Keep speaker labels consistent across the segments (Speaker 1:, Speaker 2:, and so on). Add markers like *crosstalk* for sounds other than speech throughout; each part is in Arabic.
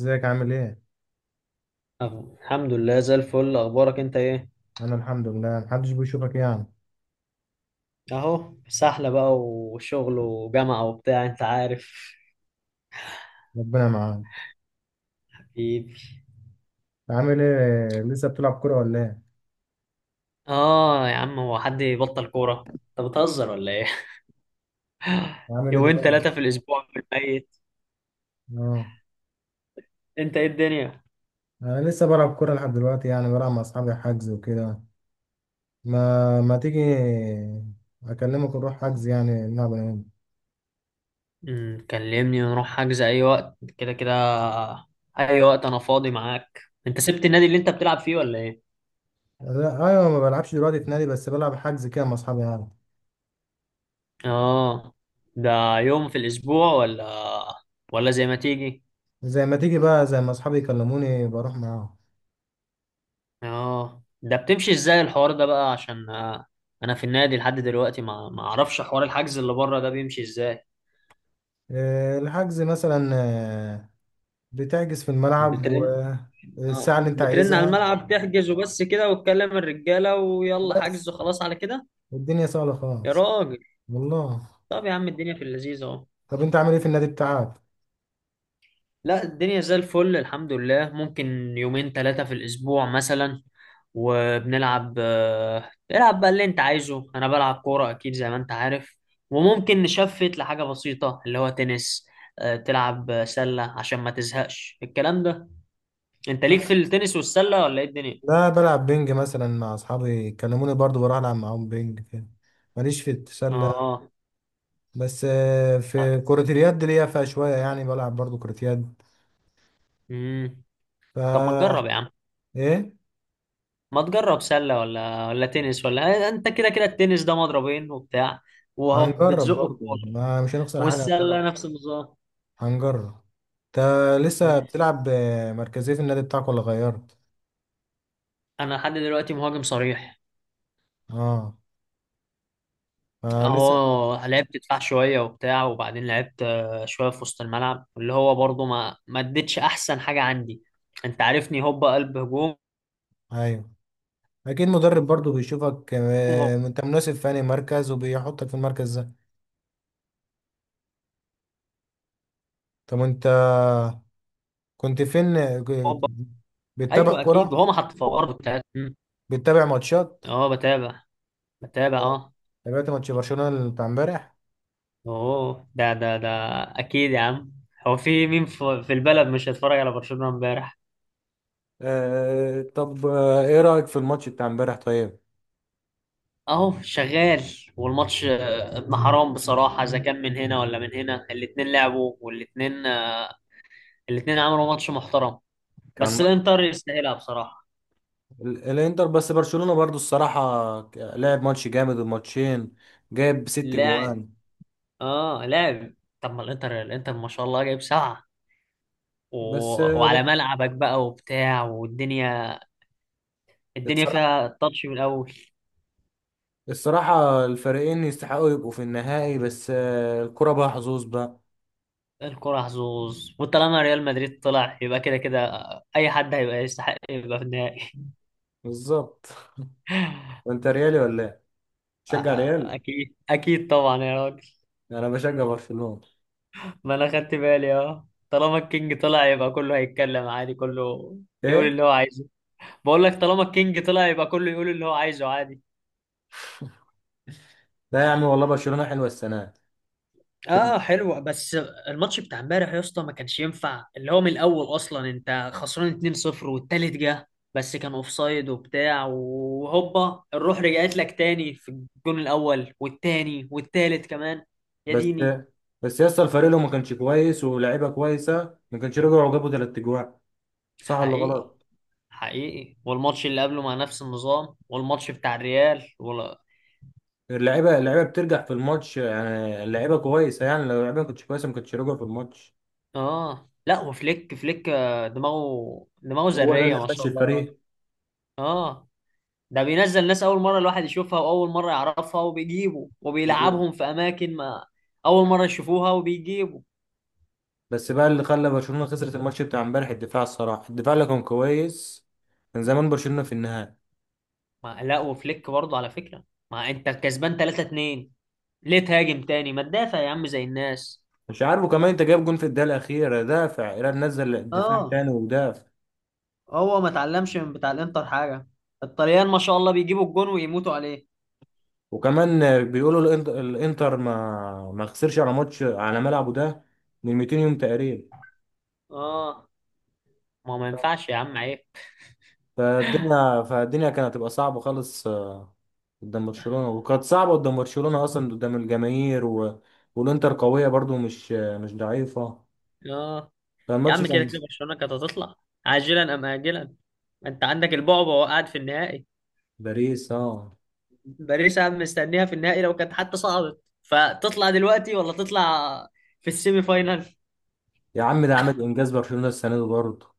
Speaker 1: ازيك عامل ايه؟
Speaker 2: أهو. الحمد لله زي الفل، اخبارك انت ايه؟
Speaker 1: انا الحمد لله، محدش بيشوفك يعني.
Speaker 2: اهو سحلة بقى، وشغل وجامعة وبتاع، انت عارف.
Speaker 1: ربنا معاك.
Speaker 2: حبيبي.
Speaker 1: عامل ايه لسه بتلعب كورة ولا ايه؟
Speaker 2: اه يا عم، هو حد يبطل كورة؟ انت بتهزر ولا ايه؟ *laughs*
Speaker 1: عامل ايه
Speaker 2: يومين ثلاثة
Speaker 1: دلوقتي؟
Speaker 2: في الاسبوع في الميت.
Speaker 1: اه،
Speaker 2: انت، ايه الدنيا؟
Speaker 1: انا لسه بلعب كورة لحد دلوقتي، يعني بلعب مع اصحابي حجز وكده. ما تيجي اكلمك نروح حجز يعني نلعب انا وانت.
Speaker 2: كلمني ونروح حجز اي وقت، كده كده. اي وقت انا فاضي معاك. انت سبت النادي اللي انت بتلعب فيه ولا ايه؟
Speaker 1: لا، ايوه ما بلعبش دلوقتي في نادي، بس بلعب حجز كده مع اصحابي يعني.
Speaker 2: اه، ده يوم في الاسبوع ولا زي ما تيجي؟
Speaker 1: زي ما تيجي بقى، زي ما اصحابي يكلموني بروح معاهم.
Speaker 2: اه، ده بتمشي ازاي الحوار ده بقى؟ عشان انا في النادي لحد دلوقتي ما اعرفش حوار الحجز اللي بره ده بيمشي ازاي.
Speaker 1: الحجز مثلا. آه، بتحجز في الملعب
Speaker 2: بترن.
Speaker 1: والساعة
Speaker 2: اه،
Speaker 1: اللي انت
Speaker 2: بترن على
Speaker 1: عايزها.
Speaker 2: الملعب تحجز وبس كده، وتكلم الرجاله ويلا حجز
Speaker 1: بس
Speaker 2: وخلاص على كده.
Speaker 1: الدنيا سهلة
Speaker 2: يا
Speaker 1: خالص،
Speaker 2: راجل.
Speaker 1: والله.
Speaker 2: طب يا عم، الدنيا في اللذيذ اهو.
Speaker 1: طب انت عامل ايه في النادي بتاعك؟
Speaker 2: لا، الدنيا زي الفل الحمد لله. ممكن يومين ثلاثة في الأسبوع مثلا. وبنلعب. العب بقى اللي أنت عايزه. أنا بلعب كورة أكيد زي ما أنت عارف. وممكن نشفت لحاجة بسيطة اللي هو تنس، تلعب سلة عشان ما تزهقش الكلام ده. أنت ليك في التنس والسلة ولا إيه الدنيا؟
Speaker 1: لا بلعب بينج مثلا مع اصحابي، كلموني برضو بروح العب معاهم بينج كده. ماليش في التسلة،
Speaker 2: آه.
Speaker 1: بس في كرة اليد ليا فيها شوية، يعني بلعب برضو كرة يد.
Speaker 2: امم. طب ما
Speaker 1: فا
Speaker 2: تجرب يا عم.
Speaker 1: ايه،
Speaker 2: ما تجرب سلة ولا تنس؟ ولا أنت كده كده، التنس ده مضربين وبتاع، وأهو
Speaker 1: هنجرب
Speaker 2: بتزق
Speaker 1: برضو،
Speaker 2: الكورة.
Speaker 1: ما مش هنخسر حاجة، هنجرب.
Speaker 2: والسلة نفس النظام.
Speaker 1: هنجرب. انت لسه
Speaker 2: مم.
Speaker 1: بتلعب مركزية في النادي بتاعك ولا غيرت؟
Speaker 2: انا لحد دلوقتي مهاجم صريح.
Speaker 1: اه، لسه.
Speaker 2: اهو لعبت دفاع شويه وبتاع، وبعدين لعبت شويه في وسط الملعب، اللي هو برضو ما اديتش احسن حاجه عندي. انت عارفني، هوبا قلب هجوم.
Speaker 1: ايوه، اكيد مدرب برضو بيشوفك انت مناسب في انهي مركز وبيحطك في المركز ده. طب انت كنت فين
Speaker 2: هوبا.
Speaker 1: بتتابع
Speaker 2: ايوه اكيد،
Speaker 1: كرة؟
Speaker 2: وهو ما حط في الارض بتاعت. مم.
Speaker 1: بتتابع ماتشات؟
Speaker 2: اه بتابع
Speaker 1: آه.
Speaker 2: اه.
Speaker 1: تابعت ماتش برشلونة بتاع امبارح؟
Speaker 2: اوه! ده. اكيد يا عم. هو في مين في البلد مش هيتفرج على برشلونه امبارح؟
Speaker 1: آه، طب آه، ايه رأيك في الماتش بتاع امبارح طيب؟
Speaker 2: اهو شغال. والماتش ابن حرام بصراحه. اذا كان من هنا ولا من هنا، الاتنين لعبوا والاتنين الاثنين عملوا ماتش محترم.
Speaker 1: كان
Speaker 2: بس
Speaker 1: ماتش،
Speaker 2: الانتر يستاهلها بصراحه.
Speaker 1: الانتر، بس برشلونة برضو الصراحة لعب ماتش جامد الماتشين، جايب ست
Speaker 2: لاعب.
Speaker 1: جوان
Speaker 2: اه لاعب. طب ما الانتر، ما شاء الله جايب سبعه و...
Speaker 1: بس آه،
Speaker 2: وعلى ملعبك بقى وبتاع والدنيا. الدنيا
Speaker 1: الصراحة،
Speaker 2: فيها تاتش من الاول.
Speaker 1: الصراحة الفريقين يستحقوا يبقوا في النهائي، بس الكرة بقى حظوظ بقى.
Speaker 2: الكره حظوظ، وطالما ريال مدريد طلع يبقى كده كده، اي حد هيبقى يستحق يبقى في النهائي. *laughs*
Speaker 1: بالظبط. وانت ريالي ولا ايه؟ تشجع ريال؟
Speaker 2: اكيد اكيد طبعا يا راجل.
Speaker 1: انا بشجع برشلونة.
Speaker 2: ما انا خدت بالي، اه طالما الكينج طلع يبقى كله هيتكلم عادي، كله يقول
Speaker 1: ايه؟
Speaker 2: اللي هو عايزه. بقول لك، طالما الكينج طلع يبقى كله يقول اللي هو عايزه عادي.
Speaker 1: لا يا عم والله برشلونة حلوة السنة دي. كده.
Speaker 2: اه حلوة بس. الماتش بتاع امبارح يا اسطى ما كانش ينفع، اللي هو من الاول اصلا انت خسران 2-0 والتالت جه، بس كان اوفسايد وبتاع، وهوبا الروح رجعت لك تاني في الجون الاول والتاني والتالت كمان. يا
Speaker 1: بس
Speaker 2: ديني!
Speaker 1: بس يا اسطى الفريق لو ما كانش كويس ولاعيبه كويسة ما كانش رجعوا وجابوا 3 اجوان، صح ولا
Speaker 2: حقيقي.
Speaker 1: غلط؟
Speaker 2: حقيقي. والماتش اللي قبله مع نفس النظام، والماتش بتاع الريال ولا.
Speaker 1: اللعيبة اللعيبة بترجع في الماتش، يعني اللعيبة كويسة، يعني لو اللعيبة ما كانتش كويسة ما كانتش رجعوا في الماتش.
Speaker 2: اه لا، وفليك فليك دماغه دماغه
Speaker 1: هو ده
Speaker 2: ذرية
Speaker 1: اللي
Speaker 2: ما شاء
Speaker 1: ماشي
Speaker 2: الله يا راجل.
Speaker 1: الفريق.
Speaker 2: اه، ده بينزل ناس اول مره الواحد يشوفها، واول مره يعرفها وبيجيبه وبيلعبهم في اماكن ما اول مره يشوفوها وبيجيبوا.
Speaker 1: بس بقى اللي خلى برشلونة خسرت الماتش بتاع امبارح الدفاع، الصراحة الدفاع اللي كان كويس كان زمان برشلونة في النهائي.
Speaker 2: ما لا، وفليك برضه على فكره، ما انت كسبان 3 2، ليه تهاجم تاني؟ ما تدافع يا عم زي الناس.
Speaker 1: مش عارف، وكمان انت جايب جون في الدقيقه الاخيره، دافع ايران نزل الدفاع
Speaker 2: اه.
Speaker 1: تاني ودافع.
Speaker 2: هو ما اتعلمش من بتاع الانتر حاجه. الطليان ما شاء الله بيجيبوا الجون ويموتوا عليه.
Speaker 1: وكمان بيقولوا الانتر ما خسرش على ماتش على ملعبه ده من 200 يوم تقريبا.
Speaker 2: اه، ما ينفعش يا عم، عيب.
Speaker 1: فالدنيا كانت هتبقى صعبه خالص قدام برشلونه، وكانت صعبه قدام برشلونه اصلا قدام الجماهير و، والانتر قويه برضو، مش ضعيفه.
Speaker 2: اه يا
Speaker 1: فالماتش
Speaker 2: عم، كده
Speaker 1: كان.
Speaker 2: كده برشلونه كانت هتطلع، عاجلا ام اجلا. انت عندك البعبع، وقعد في النهائي.
Speaker 1: باريس، اه.
Speaker 2: باريس. انا مستنيها في النهائي، لو كانت حتى صعدت فتطلع دلوقتي ولا تطلع في السيمي فاينال.
Speaker 1: يا عم ده عامل انجاز برشلونه السنه دي برضه،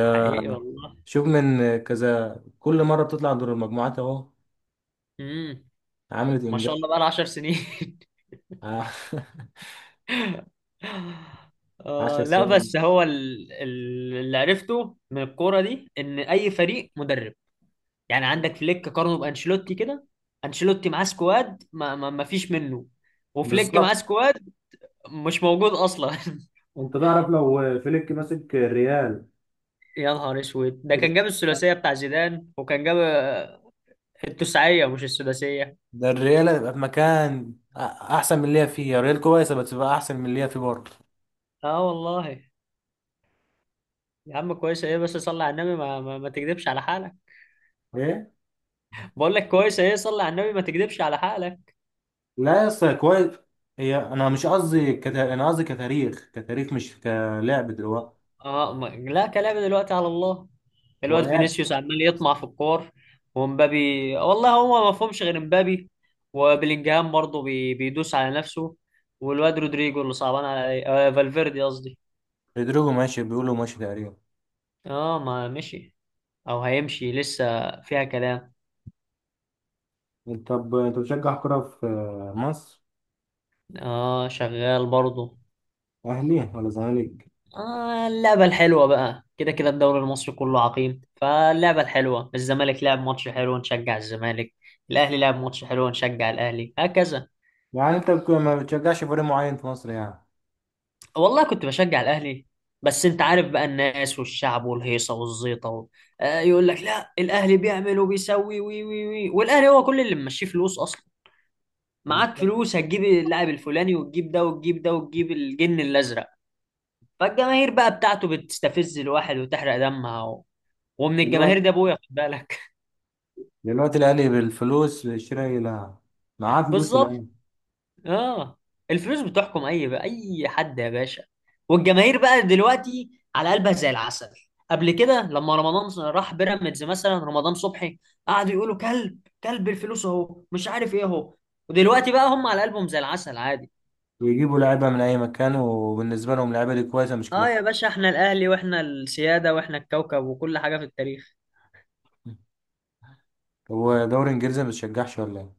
Speaker 2: حقيقي والله.
Speaker 1: شوف من كذا، كل مره بتطلع دور المجموعات اهو،
Speaker 2: امم.
Speaker 1: عملت
Speaker 2: ما شاء
Speaker 1: انجاز.
Speaker 2: الله، بقى 10 سنين.
Speaker 1: ع- *laughs*
Speaker 2: *laughs*
Speaker 1: عشر
Speaker 2: آه لا،
Speaker 1: سنين
Speaker 2: بس هو اللي عرفته من الكوره دي ان اي فريق مدرب. يعني عندك فليك، قارنه بانشيلوتي كده. انشيلوتي معاه سكواد ما فيش منه. وفليك معاه
Speaker 1: بالظبط.
Speaker 2: سكواد مش موجود اصلا. *laughs*
Speaker 1: انت تعرف لو فليك ماسك الريال؟
Speaker 2: يا نهار اسود، ده كان جاب
Speaker 1: الريال،
Speaker 2: الثلاثيه بتاع زيدان، وكان جاب التسعية مش السداسية.
Speaker 1: ده الريال هيبقى في مكان احسن من اللي هي فيه. الريال كويسه، بس بقى احسن من اللي هي فيه برضه.
Speaker 2: اه والله. يا عم، كويسة ايه؟ بس صلي على النبي، ما تكذبش على حالك.
Speaker 1: ايه؟
Speaker 2: بقول لك كويسة ايه، صلي على النبي ما تكذبش على حالك.
Speaker 1: لا يا اسطى كويس. هي انا مش قصدي انا قصدي كتاريخ كتاريخ، مش كلاعب دلوقتي.
Speaker 2: اه ما... لا، كلام دلوقتي على الله.
Speaker 1: هو
Speaker 2: الواد
Speaker 1: يعني
Speaker 2: فينيسيوس عمال يطمع في الكور، ومبابي. والله هو ما فهمش غير مبابي. وبلينجهام برضه بيدوس على نفسه. والواد رودريجو، اللي صعبان على فالفيردي قصدي.
Speaker 1: رودريجو ماشي، بيقولوا ماشي تقريبا.
Speaker 2: اه ما مشي، او هيمشي، لسه فيها كلام.
Speaker 1: طب انت بتشجع كرة في مصر؟
Speaker 2: اه شغال برضه.
Speaker 1: اهلي ولا زمالك؟
Speaker 2: آه، اللعبة الحلوة بقى كده كده، الدوري المصري كله عقيم، فاللعبة الحلوة، الزمالك لعب ماتش حلو نشجع الزمالك، الأهلي لعب ماتش حلو نشجع الأهلي، هكذا.
Speaker 1: يعني انت ما بتشجعش فريق معين في مصر يعني؟
Speaker 2: والله كنت بشجع الأهلي. بس أنت عارف بقى، الناس والشعب والهيصة والزيطة و... آه يقول لك لا، الأهلي بيعمل وبيسوي وي وي وي، والأهلي هو كل اللي ممشيه فلوس أصلا. معاك فلوس هتجيب اللاعب الفلاني وتجيب ده وتجيب ده وتجيب الجن الأزرق. فالجماهير بقى بتاعته بتستفز الواحد وتحرق دمها و... ومن الجماهير دي
Speaker 1: بالظبط.
Speaker 2: أبويا، خد بالك.
Speaker 1: دلوقتي الاهلي بالفلوس شراء لاعب، معاه فلوس
Speaker 2: بالظبط.
Speaker 1: الان،
Speaker 2: اه. الفلوس بتحكم، اي بقى اي حد يا باشا. والجماهير بقى دلوقتي على قلبها زي العسل. قبل كده لما رمضان راح بيراميدز، مثلا رمضان صبحي، قعدوا يقولوا كلب، كلب الفلوس اهو، مش عارف ايه اهو. ودلوقتي بقى هم على قلبهم زي العسل عادي.
Speaker 1: ويجيبوا لعيبه من اي مكان وبالنسبه لهم اللعيبه دي كويسه، مش
Speaker 2: اه
Speaker 1: كلام.
Speaker 2: يا باشا، احنا الاهلي واحنا السيادة واحنا الكوكب وكل حاجة في التاريخ.
Speaker 1: هو دوري انجليزي ما بتشجعش ولا ايه؟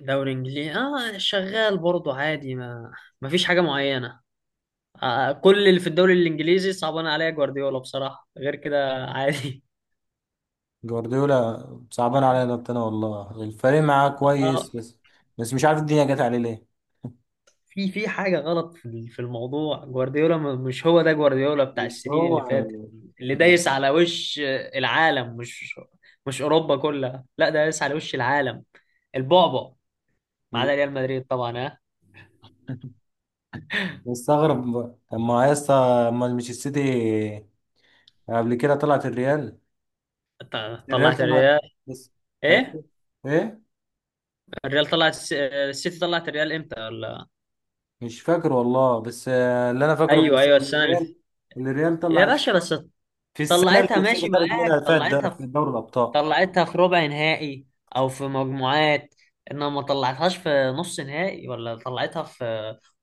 Speaker 2: دوري انجليزي اه شغال برضه عادي، ما فيش حاجة معينة. آه، كل اللي في الدوري الانجليزي صعبان عليا جوارديولا بصراحة، غير كده عادي.
Speaker 1: جوارديولا صعبان عليا، ربنا والله الفريق معاه
Speaker 2: اه،
Speaker 1: كويس، بس بس مش عارف الدنيا جت عليه ليه.
Speaker 2: في حاجة غلط في في الموضوع. جوارديولا مش هو ده جوارديولا بتاع
Speaker 1: مش
Speaker 2: السنين
Speaker 1: هو.
Speaker 2: اللي فاتت، اللي دايس على وش العالم، مش أوروبا كلها، لا ده دايس على وش العالم، البعبع. ما عدا ريال مدريد طبعا، ها.
Speaker 1: مستغرب بقى. طب ما يا اسطى امال مش السيتي قبل كده طلعت الريال؟
Speaker 2: ط-
Speaker 1: الريال
Speaker 2: طلعت
Speaker 1: طلعت
Speaker 2: الريال.
Speaker 1: بس؟
Speaker 2: ايه؟
Speaker 1: طيب، ايه؟
Speaker 2: الريال طلعت السيتي، طلعت الريال امتى ولا؟
Speaker 1: مش فاكر والله، بس اللي انا فاكره إن
Speaker 2: ايوه ايوه،
Speaker 1: إن
Speaker 2: السنة اللي
Speaker 1: الريال، إن الريال
Speaker 2: يا
Speaker 1: طلعت
Speaker 2: باشا بس،
Speaker 1: في السنه
Speaker 2: طلعتها
Speaker 1: اللي السيتي
Speaker 2: ماشي
Speaker 1: خدت منها
Speaker 2: معاك،
Speaker 1: فات، ده
Speaker 2: طلعتها.
Speaker 1: في دوري الابطال.
Speaker 2: طلعتها في ربع نهائي، او في مجموعات، انما ما طلعتهاش في نص نهائي، ولا طلعتها في،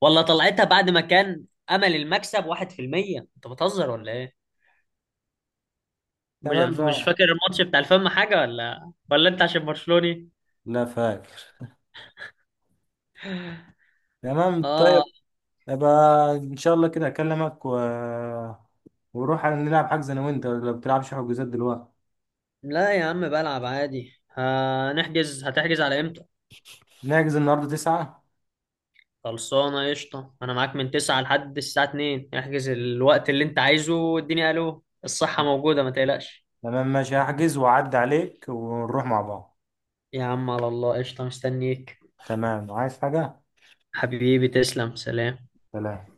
Speaker 2: ولا طلعتها بعد ما كان امل المكسب 1%. انت بتهزر ولا ايه؟ مش
Speaker 1: تمام
Speaker 2: مش
Speaker 1: بقى.
Speaker 2: فاكر الماتش بتاع الفم حاجه ولا انت عشان برشلوني؟
Speaker 1: لا، فاكر. تمام طيب.
Speaker 2: اه
Speaker 1: يبقى ان شاء الله كده اكلمك و، ونروح نلعب حجز انا وانت لو بتلعبش حجوزات دلوقتي.
Speaker 2: لا يا عم، بلعب عادي. هنحجز، هتحجز على امتى؟
Speaker 1: نحجز النهارده 9.
Speaker 2: خلصانه، قشطه، انا معاك من 9 لحد الساعه 2، احجز الوقت اللي انت عايزه واديني، الو الصحه موجوده ما تقلقش.
Speaker 1: تمام ماشي، هحجز واعدي عليك ونروح مع بعض.
Speaker 2: يا عم على الله، قشطه، مستنيك.
Speaker 1: تمام، عايز حاجه؟
Speaker 2: حبيبي، تسلم. سلام.
Speaker 1: سلام.